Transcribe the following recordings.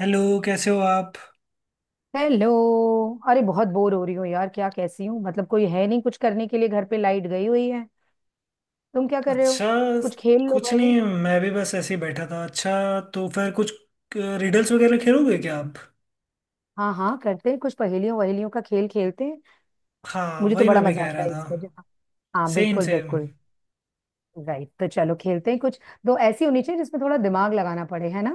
Hello. कैसे हो आप? हेलो। अरे बहुत बोर हो रही हूँ यार। क्या कैसी हूँ मतलब, कोई है नहीं कुछ करने के लिए। घर पे लाइट गई हुई है। तुम क्या कर रहे हो? अच्छा, कुछ खेल लो कुछ भाई। नहीं, मैं भी बस ऐसे ही बैठा था। अच्छा, तो फिर कुछ रिडल्स वगैरह खेलोगे क्या आप? हाँ हाँ, करते हैं कुछ। पहेलियों वहेलियों का खेल खेलते हैं। हाँ, मुझे तो वही बड़ा मैं भी मजा कह आता रहा है था। इसमें जो। हाँ सेम बिल्कुल सेम। बिल्कुल। राइट, तो चलो खेलते हैं कुछ। दो ऐसी होनी चाहिए जिसमें थोड़ा दिमाग लगाना पड़े, है ना।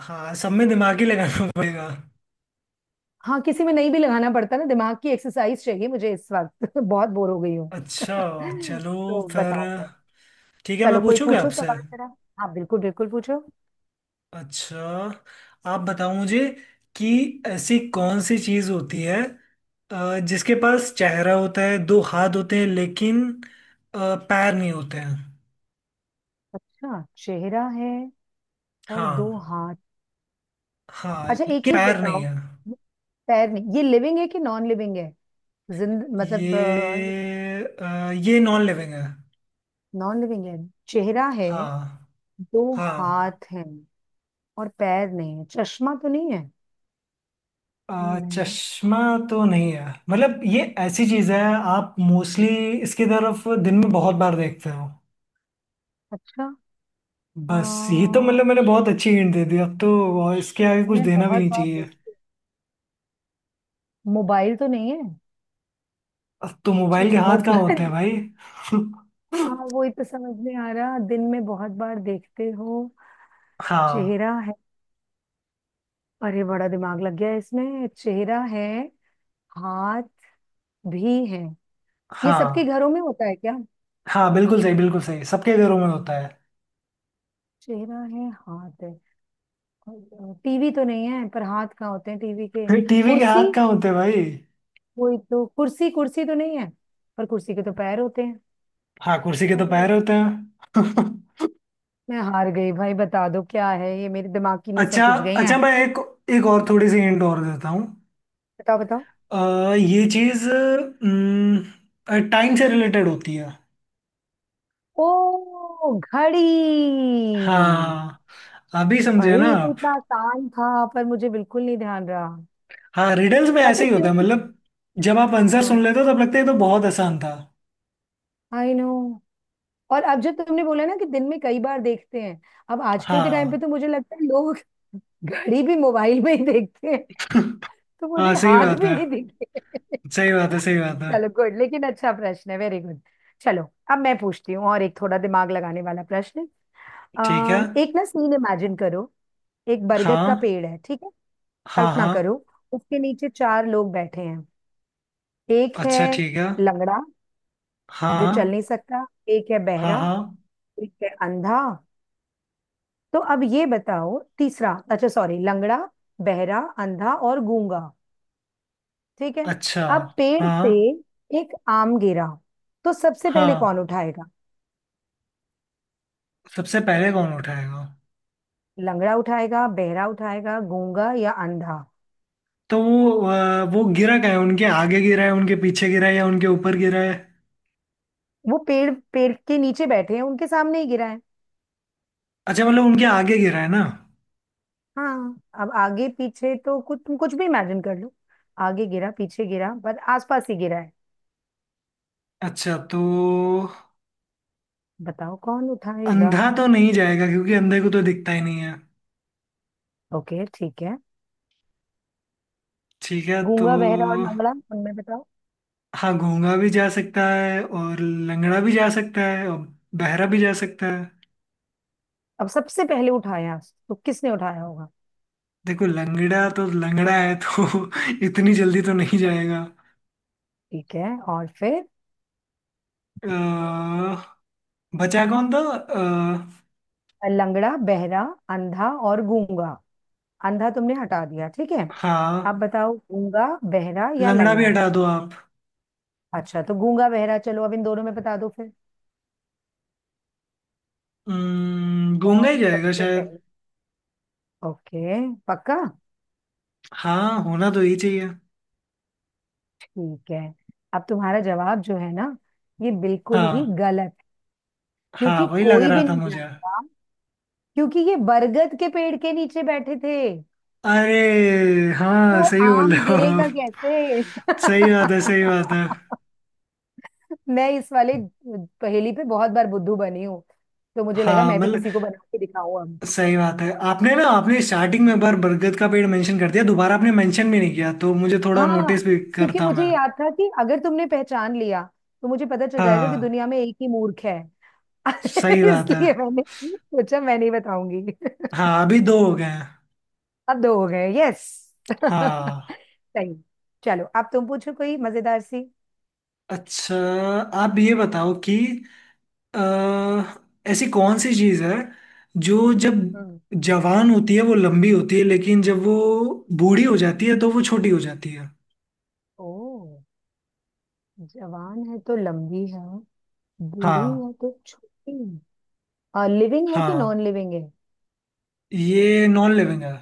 हाँ, सब में दिमाग ही लगाना पड़ेगा। हाँ, किसी में नहीं भी लगाना पड़ता ना। दिमाग की एक्सरसाइज चाहिए मुझे इस वक्त। बहुत बोर हो गई हूँ। अच्छा, चलो तो फिर। बताओ फिर। ठीक है, मैं चलो कोई पूछूंगा पूछो आपसे। सवाल जरा। हाँ बिल्कुल बिल्कुल, पूछो। अच्छा, आप बताओ मुझे कि ऐसी कौन सी चीज़ होती है, जिसके पास चेहरा होता है, दो हाथ होते हैं, लेकिन पैर नहीं होते हैं। अच्छा, चेहरा है। और दो हाँ। हाथ। हाँ, अच्छा, एक लेकिन चीज पैर नहीं बताओ। है। ये पैर नहीं, ये लिविंग है कि नॉन लिविंग है? जिंद मतलब। ये ये non living non. Non living है। चेहरा है। हाँ। दो हाँ, हाथ हैं। और पैर नहीं है। चश्मा तो नहीं है? नहीं। चश्मा तो नहीं है। मतलब ये ऐसी चीज है, आप मोस्टली इसकी तरफ दिन में बहुत बार देखते हो। अच्छा। बस ये तो, आ, मतलब मैंने बहुत अच्छी हिंट दे दी अब तो, और इसके आगे कुछ मैं देना भी बहुत नहीं बार चाहिए। देखती हूँ। मोबाइल तो नहीं है? अब तो मोबाइल के चे- हाथ कहाँ होते मोबाइल हैं भाई? हाँ, वही तो समझ में आ रहा, दिन में बहुत बार देखते हो। हाँ चेहरा है। अरे बड़ा दिमाग लग गया इसमें। चेहरा है, हाथ भी है। ये सबके हाँ। घरों में होता है क्या? हाँ, बिल्कुल सही, बिल्कुल सही, सबके घरों में होता है। चेहरा है, हाथ है। टीवी तो नहीं है, पर हाथ कहाँ होते हैं टीवी के। टीवी के कुर्सी। हाथ कहाँ होते हैं भाई? वही तो, कुर्सी कुर्सी तो नहीं है, पर कुर्सी के तो पैर होते हैं। हाँ, कुर्सी के तो अरे, पैर होते हैं। मैं हार गई भाई, बता दो क्या है ये। मेरे दिमाग की नसें अच्छा, खिंच गई अच्छा, हैं। मैं एक एक और थोड़ी सी हिंट और देता हूँ। बताओ बताओ। ये चीज टाइम से रिलेटेड होती है। ओ, घड़ी। हाँ, अभी समझे अरे ना ये तो आप। इतना आसान था, पर मुझे बिल्कुल नहीं ध्यान रहा। हाँ, रिडल्स में पता ऐसे है ही होता क्यों। है, मतलब जब आप आंसर सुन हाँ। लेते हो तब लगता है ये तो बहुत आसान था। I know. और अब जो तुमने बोला ना कि दिन में कई बार देखते हैं, अब आजकल के टाइम पे हाँ। तो मुझे लगता है लोग घड़ी भी मोबाइल में ही देखते हैं। तो हाँ, मुझे सही हाथ बात भी है, नहीं दिखे। सही बात है, सही बात है। चलो गुड, लेकिन अच्छा प्रश्न है, वेरी गुड। चलो, अब मैं पूछती हूँ और एक थोड़ा दिमाग लगाने वाला प्रश्न। ठीक है। एक ना सीन इमेजिन करो। एक बरगद का हाँ, पेड़ है, ठीक है। हाँ, कल्पना करो। हाँ। उसके नीचे चार लोग बैठे हैं। एक है अच्छा, ठीक है। लंगड़ा जो चल हाँ, नहीं सकता, एक है हाँ, बहरा, हाँ। एक है अंधा। तो अब ये बताओ, तीसरा, अच्छा सॉरी, लंगड़ा, बहरा, अंधा और गूंगा, ठीक है। अच्छा। अब पेड़ हाँ। से एक आम गिरा। तो सबसे पहले हाँ, कौन उठाएगा? सबसे पहले कौन उठाएगा? लंगड़ा उठाएगा, बहरा उठाएगा, गूंगा या अंधा? तो वो वो गिरा क्या है, उनके आगे गिरा है, उनके पीछे गिरा है, या उनके ऊपर गिरा है? वो पेड़, पेड़ के नीचे बैठे हैं, उनके सामने ही गिरा है। अच्छा, मतलब उनके आगे गिरा है ना। हाँ, अब आगे पीछे तो कुछ, तुम कुछ भी इमेजिन कर लो। आगे गिरा, पीछे गिरा, पर आसपास ही गिरा है। अच्छा, तो बताओ कौन उठाएगा। अंधा तो नहीं जाएगा, क्योंकि अंधे को तो दिखता ही नहीं है। ओके, ठीक है। ठीक है, तो गूंगा, बहरा और लंगड़ा, उनमें बताओ। हाँ गूंगा भी जा सकता है, और लंगड़ा भी जा सकता है, और बहरा भी जा सकता है। अब सबसे पहले उठाया तो किसने उठाया होगा? देखो, लंगड़ा तो लंगड़ा है तो इतनी जल्दी तो नहीं जाएगा। ठीक है, और फिर? अ, बचा कौन था? अ, लंगड़ा, बहरा, अंधा और गूंगा। अंधा तुमने हटा दिया, ठीक है। हाँ, अब बताओ, गूंगा, बहरा या लंगड़ा भी लंगड़ा। हटा दो आप। अच्छा, तो गूंगा बहरा, चलो अब इन दोनों में बता दो फिर। गूंगा ही कौन जाएगा सबसे शायद। पहले? ओके, पक्का? हाँ, होना तो ही चाहिए। ठीक है। अब तुम्हारा जवाब जो है ना, ये बिल्कुल ही हाँ, गलत। हाँ क्योंकि वही लग कोई रहा भी था नहीं मुझे। जानता। क्योंकि ये बरगद के पेड़ के नीचे बैठे थे। अरे, हाँ तो सही बोल आम रहे हो गिरेगा आप। कैसे सही बात है, सही बात है। मैं इस वाले पहेली पे बहुत बार बुद्धू बनी हूँ। तो मुझे लगा हाँ मैं भी मतलब किसी को बना के दिखाऊं अब। सही बात है, आपने ना आपने स्टार्टिंग में एक बार बरगद का पेड़ मेंशन कर दिया, दोबारा आपने मेंशन भी नहीं किया, तो मुझे थोड़ा हाँ, नोटिस भी क्योंकि करता मुझे मैं। याद था कि अगर तुमने पहचान लिया तो मुझे पता चल जाएगा कि हाँ, दुनिया में एक ही मूर्ख है। सही बात है। इसलिए मैंने सोचा मैं नहीं बताऊंगी। हाँ, अभी दो हो गए हैं। अब दो हो गए, यस। हाँ। सही। चलो अब तुम पूछो कोई मजेदार सी। अच्छा, आप ये बताओ कि अह, ऐसी कौन सी चीज है जो जब हम्म। जवान होती है वो लंबी होती है, लेकिन जब वो बूढ़ी हो जाती है तो वो छोटी हो जाती है। ओ, जवान है तो लंबी है, बूढ़ी हाँ। या तो छोटी है। लिविंग है कि हाँ, नॉन लिविंग है? ये non living non.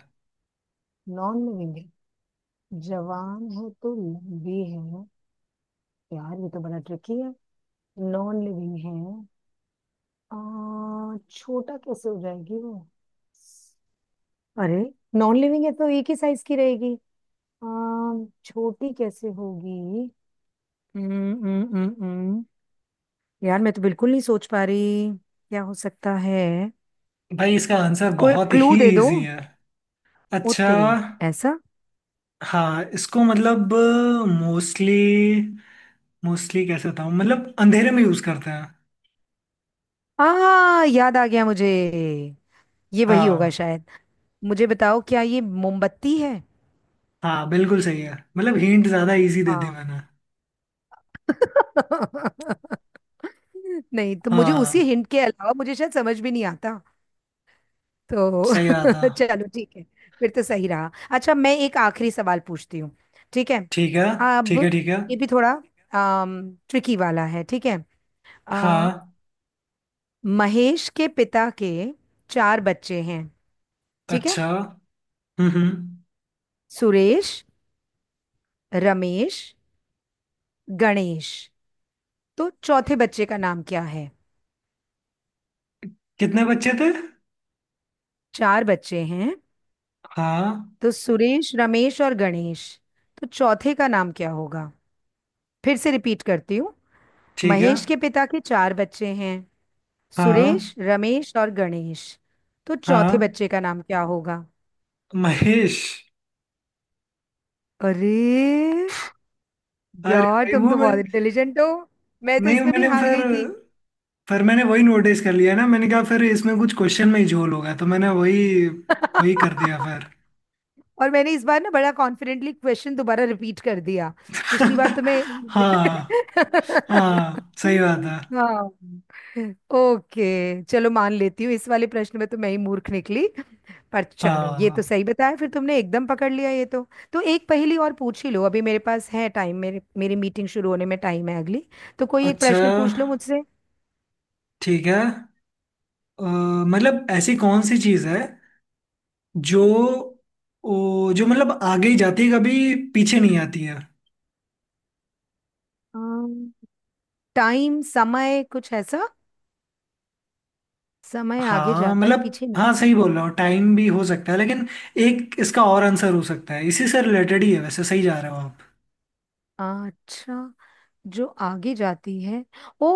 Non living है। जवान है तो लंबी है। यार ये तो बड़ा ट्रिकी है। नॉन लिविंग है। छोटा कैसे हो जाएगी वो। अरे, नॉन लिविंग है तो एक ही साइज की रहेगी। आ, छोटी कैसे होगी। हम्म हम्म हम्म हम्म। यार मैं तो बिल्कुल नहीं सोच पा रही। क्या हो सकता है। भाई, इसका आंसर कोई बहुत क्लू ही दे दो। इजी है। अच्छा, उत्तरी ऐसा। हाँ, इसको मतलब मोस्टली, मोस्टली कैसे बताऊँ, मतलब अंधेरे में यूज करते हैं। आ याद आ गया मुझे। ये वही होगा हाँ। शायद। मुझे बताओ, क्या ये मोमबत्ती है? हाँ, बिल्कुल सही है। मतलब हिंट ज्यादा इजी दे दी हाँ। मैंने। नहीं तो मुझे उसी हाँ, हिंट के अलावा मुझे शायद समझ भी नहीं आता। तो सही रहा था। चलो ठीक है। फिर तो सही रहा। अच्छा मैं एक आखिरी सवाल पूछती हूँ, ठीक है। ठीक है, अब ठीक है, ठीक है। ये भी थोड़ा ट्रिकी वाला है, ठीक है। आ, हाँ। महेश के पिता के चार बच्चे हैं, ठीक है। अच्छा। हम्म। सुरेश, रमेश, गणेश, तो चौथे बच्चे का नाम क्या है? कितने बच्चे थे? चार बच्चे हैं। हाँ। तो सुरेश, रमेश और गणेश, तो चौथे का नाम क्या होगा? फिर से रिपीट करती हूँ। ठीक है। महेश के पिता के चार बच्चे हैं। हाँ। सुरेश, रमेश और गणेश। तो चौथे हाँ, बच्चे का नाम क्या होगा? महेश। अरे अरे यार, भाई तुम वो तो मैं, बहुत इंटेलिजेंट हो। मैं तो नहीं इसमें भी मैंने हार फिर गई थी। फिर मैंने वही नोटिस कर लिया ना, मैंने कहा फिर इसमें कुछ क्वेश्चन में ही झोल होगा, तो मैंने वही वही कर दिया फिर। और मैंने इस बार ना बड़ा कॉन्फिडेंटली क्वेश्चन दोबारा रिपीट कर दिया, पिछली बार तुम्हें। हाँ। हाँ, सही बात है। हाँ। ओके चलो, मान लेती हूँ इस वाले प्रश्न में तो मैं ही मूर्ख निकली। पर चलो, ये तो हाँ। सही बताया फिर तुमने, एकदम पकड़ लिया ये तो। तो एक पहेली और पूछ ही लो, अभी मेरे पास है टाइम, मेरे मेरी मीटिंग शुरू होने में टाइम है अगली। तो कोई एक अच्छा, प्रश्न पूछ लो मुझसे। ठीक है। अ, मतलब ऐसी कौन सी चीज है जो, जो मतलब आगे ही जाती है, कभी पीछे नहीं आती है। अम्म, टाइम, समय, कुछ ऐसा। समय आगे हाँ, जाता है मतलब पीछे नहीं। हाँ, सही बोल रहा हो, टाइम भी हो सकता है, लेकिन एक इसका और आंसर हो सकता है, इसी से रिलेटेड ही है वैसे, सही जा रहे हो आप। अच्छा, जो आगे जाती है। ओ,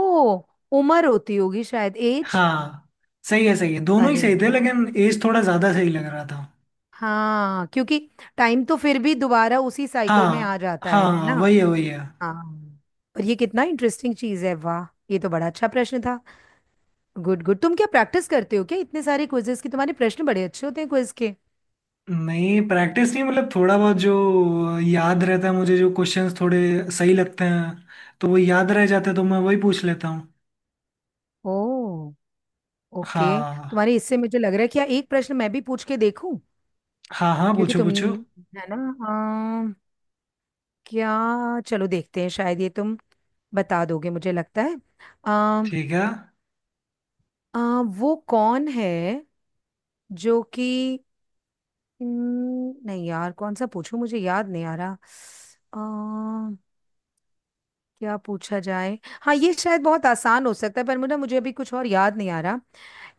उम्र होती होगी शायद, एज। हाँ, सही है, सही है, दोनों ही अरे सही थे, वाह। लेकिन एज थोड़ा ज्यादा सही लग रहा था। हाँ, क्योंकि टाइम तो फिर भी दोबारा उसी साइकिल में आ हाँ, जाता है ना। हाँ वही है, वही है। हाँ। और ये कितना इंटरेस्टिंग चीज है, वाह। ये तो बड़ा अच्छा प्रश्न था। गुड गुड, तुम क्या प्रैक्टिस करते हो क्या इतने सारे क्विजेस की? तुम्हारे प्रश्न बड़े अच्छे होते हैं क्विज के। नहीं, प्रैक्टिस नहीं, मतलब थोड़ा बहुत जो याद रहता है मुझे, जो क्वेश्चंस थोड़े सही लगते हैं तो वो याद रह जाते हैं, तो मैं वही पूछ लेता हूँ। ओ, ओके। हाँ। तुम्हारे इससे मुझे लग रहा है कि यार एक प्रश्न मैं भी पूछ के देखूं, हाँ, हाँ, क्योंकि पूछो तुम, पूछो। है ना। हाँ। क्या? चलो देखते हैं, शायद ये तुम बता दोगे मुझे लगता है। आ, ठीक है। वो कौन है जो कि नहीं यार कौन सा पूछूं, मुझे याद नहीं आ रहा। आ, क्या पूछा जाए। हाँ ये शायद बहुत आसान हो सकता है, पर मुझे मुझे अभी कुछ और याद नहीं आ रहा।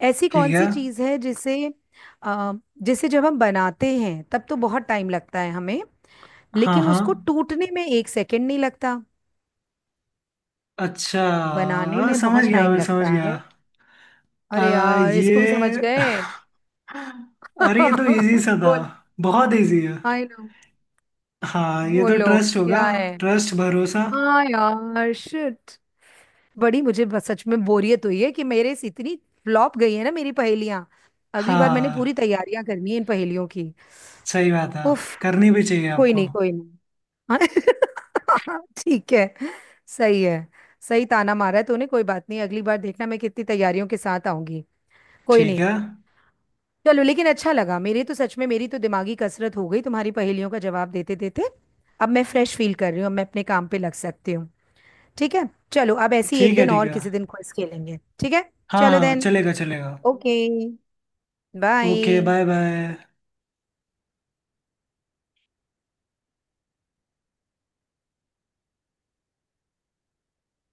ऐसी ठीक कौन है। सी चीज़ है जिसे आ, जिसे जब हम बनाते हैं तब तो बहुत टाइम लगता है हमें, हाँ। लेकिन उसको हाँ, टूटने में एक सेकंड नहीं लगता। अच्छा, बनाने हाँ, में समझ बहुत गया, टाइम मैं समझ लगता गया। है। अरे यार इसको भी ये समझ गए। अरे ये तो इजी सा था। बोल। बहुत इजी है। I know. हाँ, ये तो बोलो ट्रस्ट होगा। क्या है। ट्रस्ट, भरोसा। हाँ यार, शिट। बड़ी मुझे बस सच में बोरियत हुई है कि मेरे से इतनी फ्लॉप गई है ना मेरी पहेलियां। अगली बार मैंने पूरी हाँ, तैयारियां करनी है इन पहेलियों की। सही बात है। उफ। करनी भी चाहिए कोई आपको। नहीं, कोई नहीं। हाँ। ठीक है। सही है। सही ताना मारा है तूने, कोई बात नहीं, अगली बार देखना मैं कितनी तैयारियों के साथ आऊंगी। कोई ठीक नहीं। है, चलो, लेकिन अच्छा लगा मेरे तो, सच में मेरी तो दिमागी कसरत हो गई तुम्हारी पहेलियों का जवाब देते देते। अब मैं फ्रेश फील कर रही हूँ, अब मैं अपने काम पे लग सकती हूँ। ठीक है चलो, अब ऐसी एक ठीक है, दिन, ठीक और है। किसी दिन क्विज खेलेंगे, ठीक है। हाँ, चलो हाँ, देन। चलेगा चलेगा। Okay. Okay, bye. Bye bye.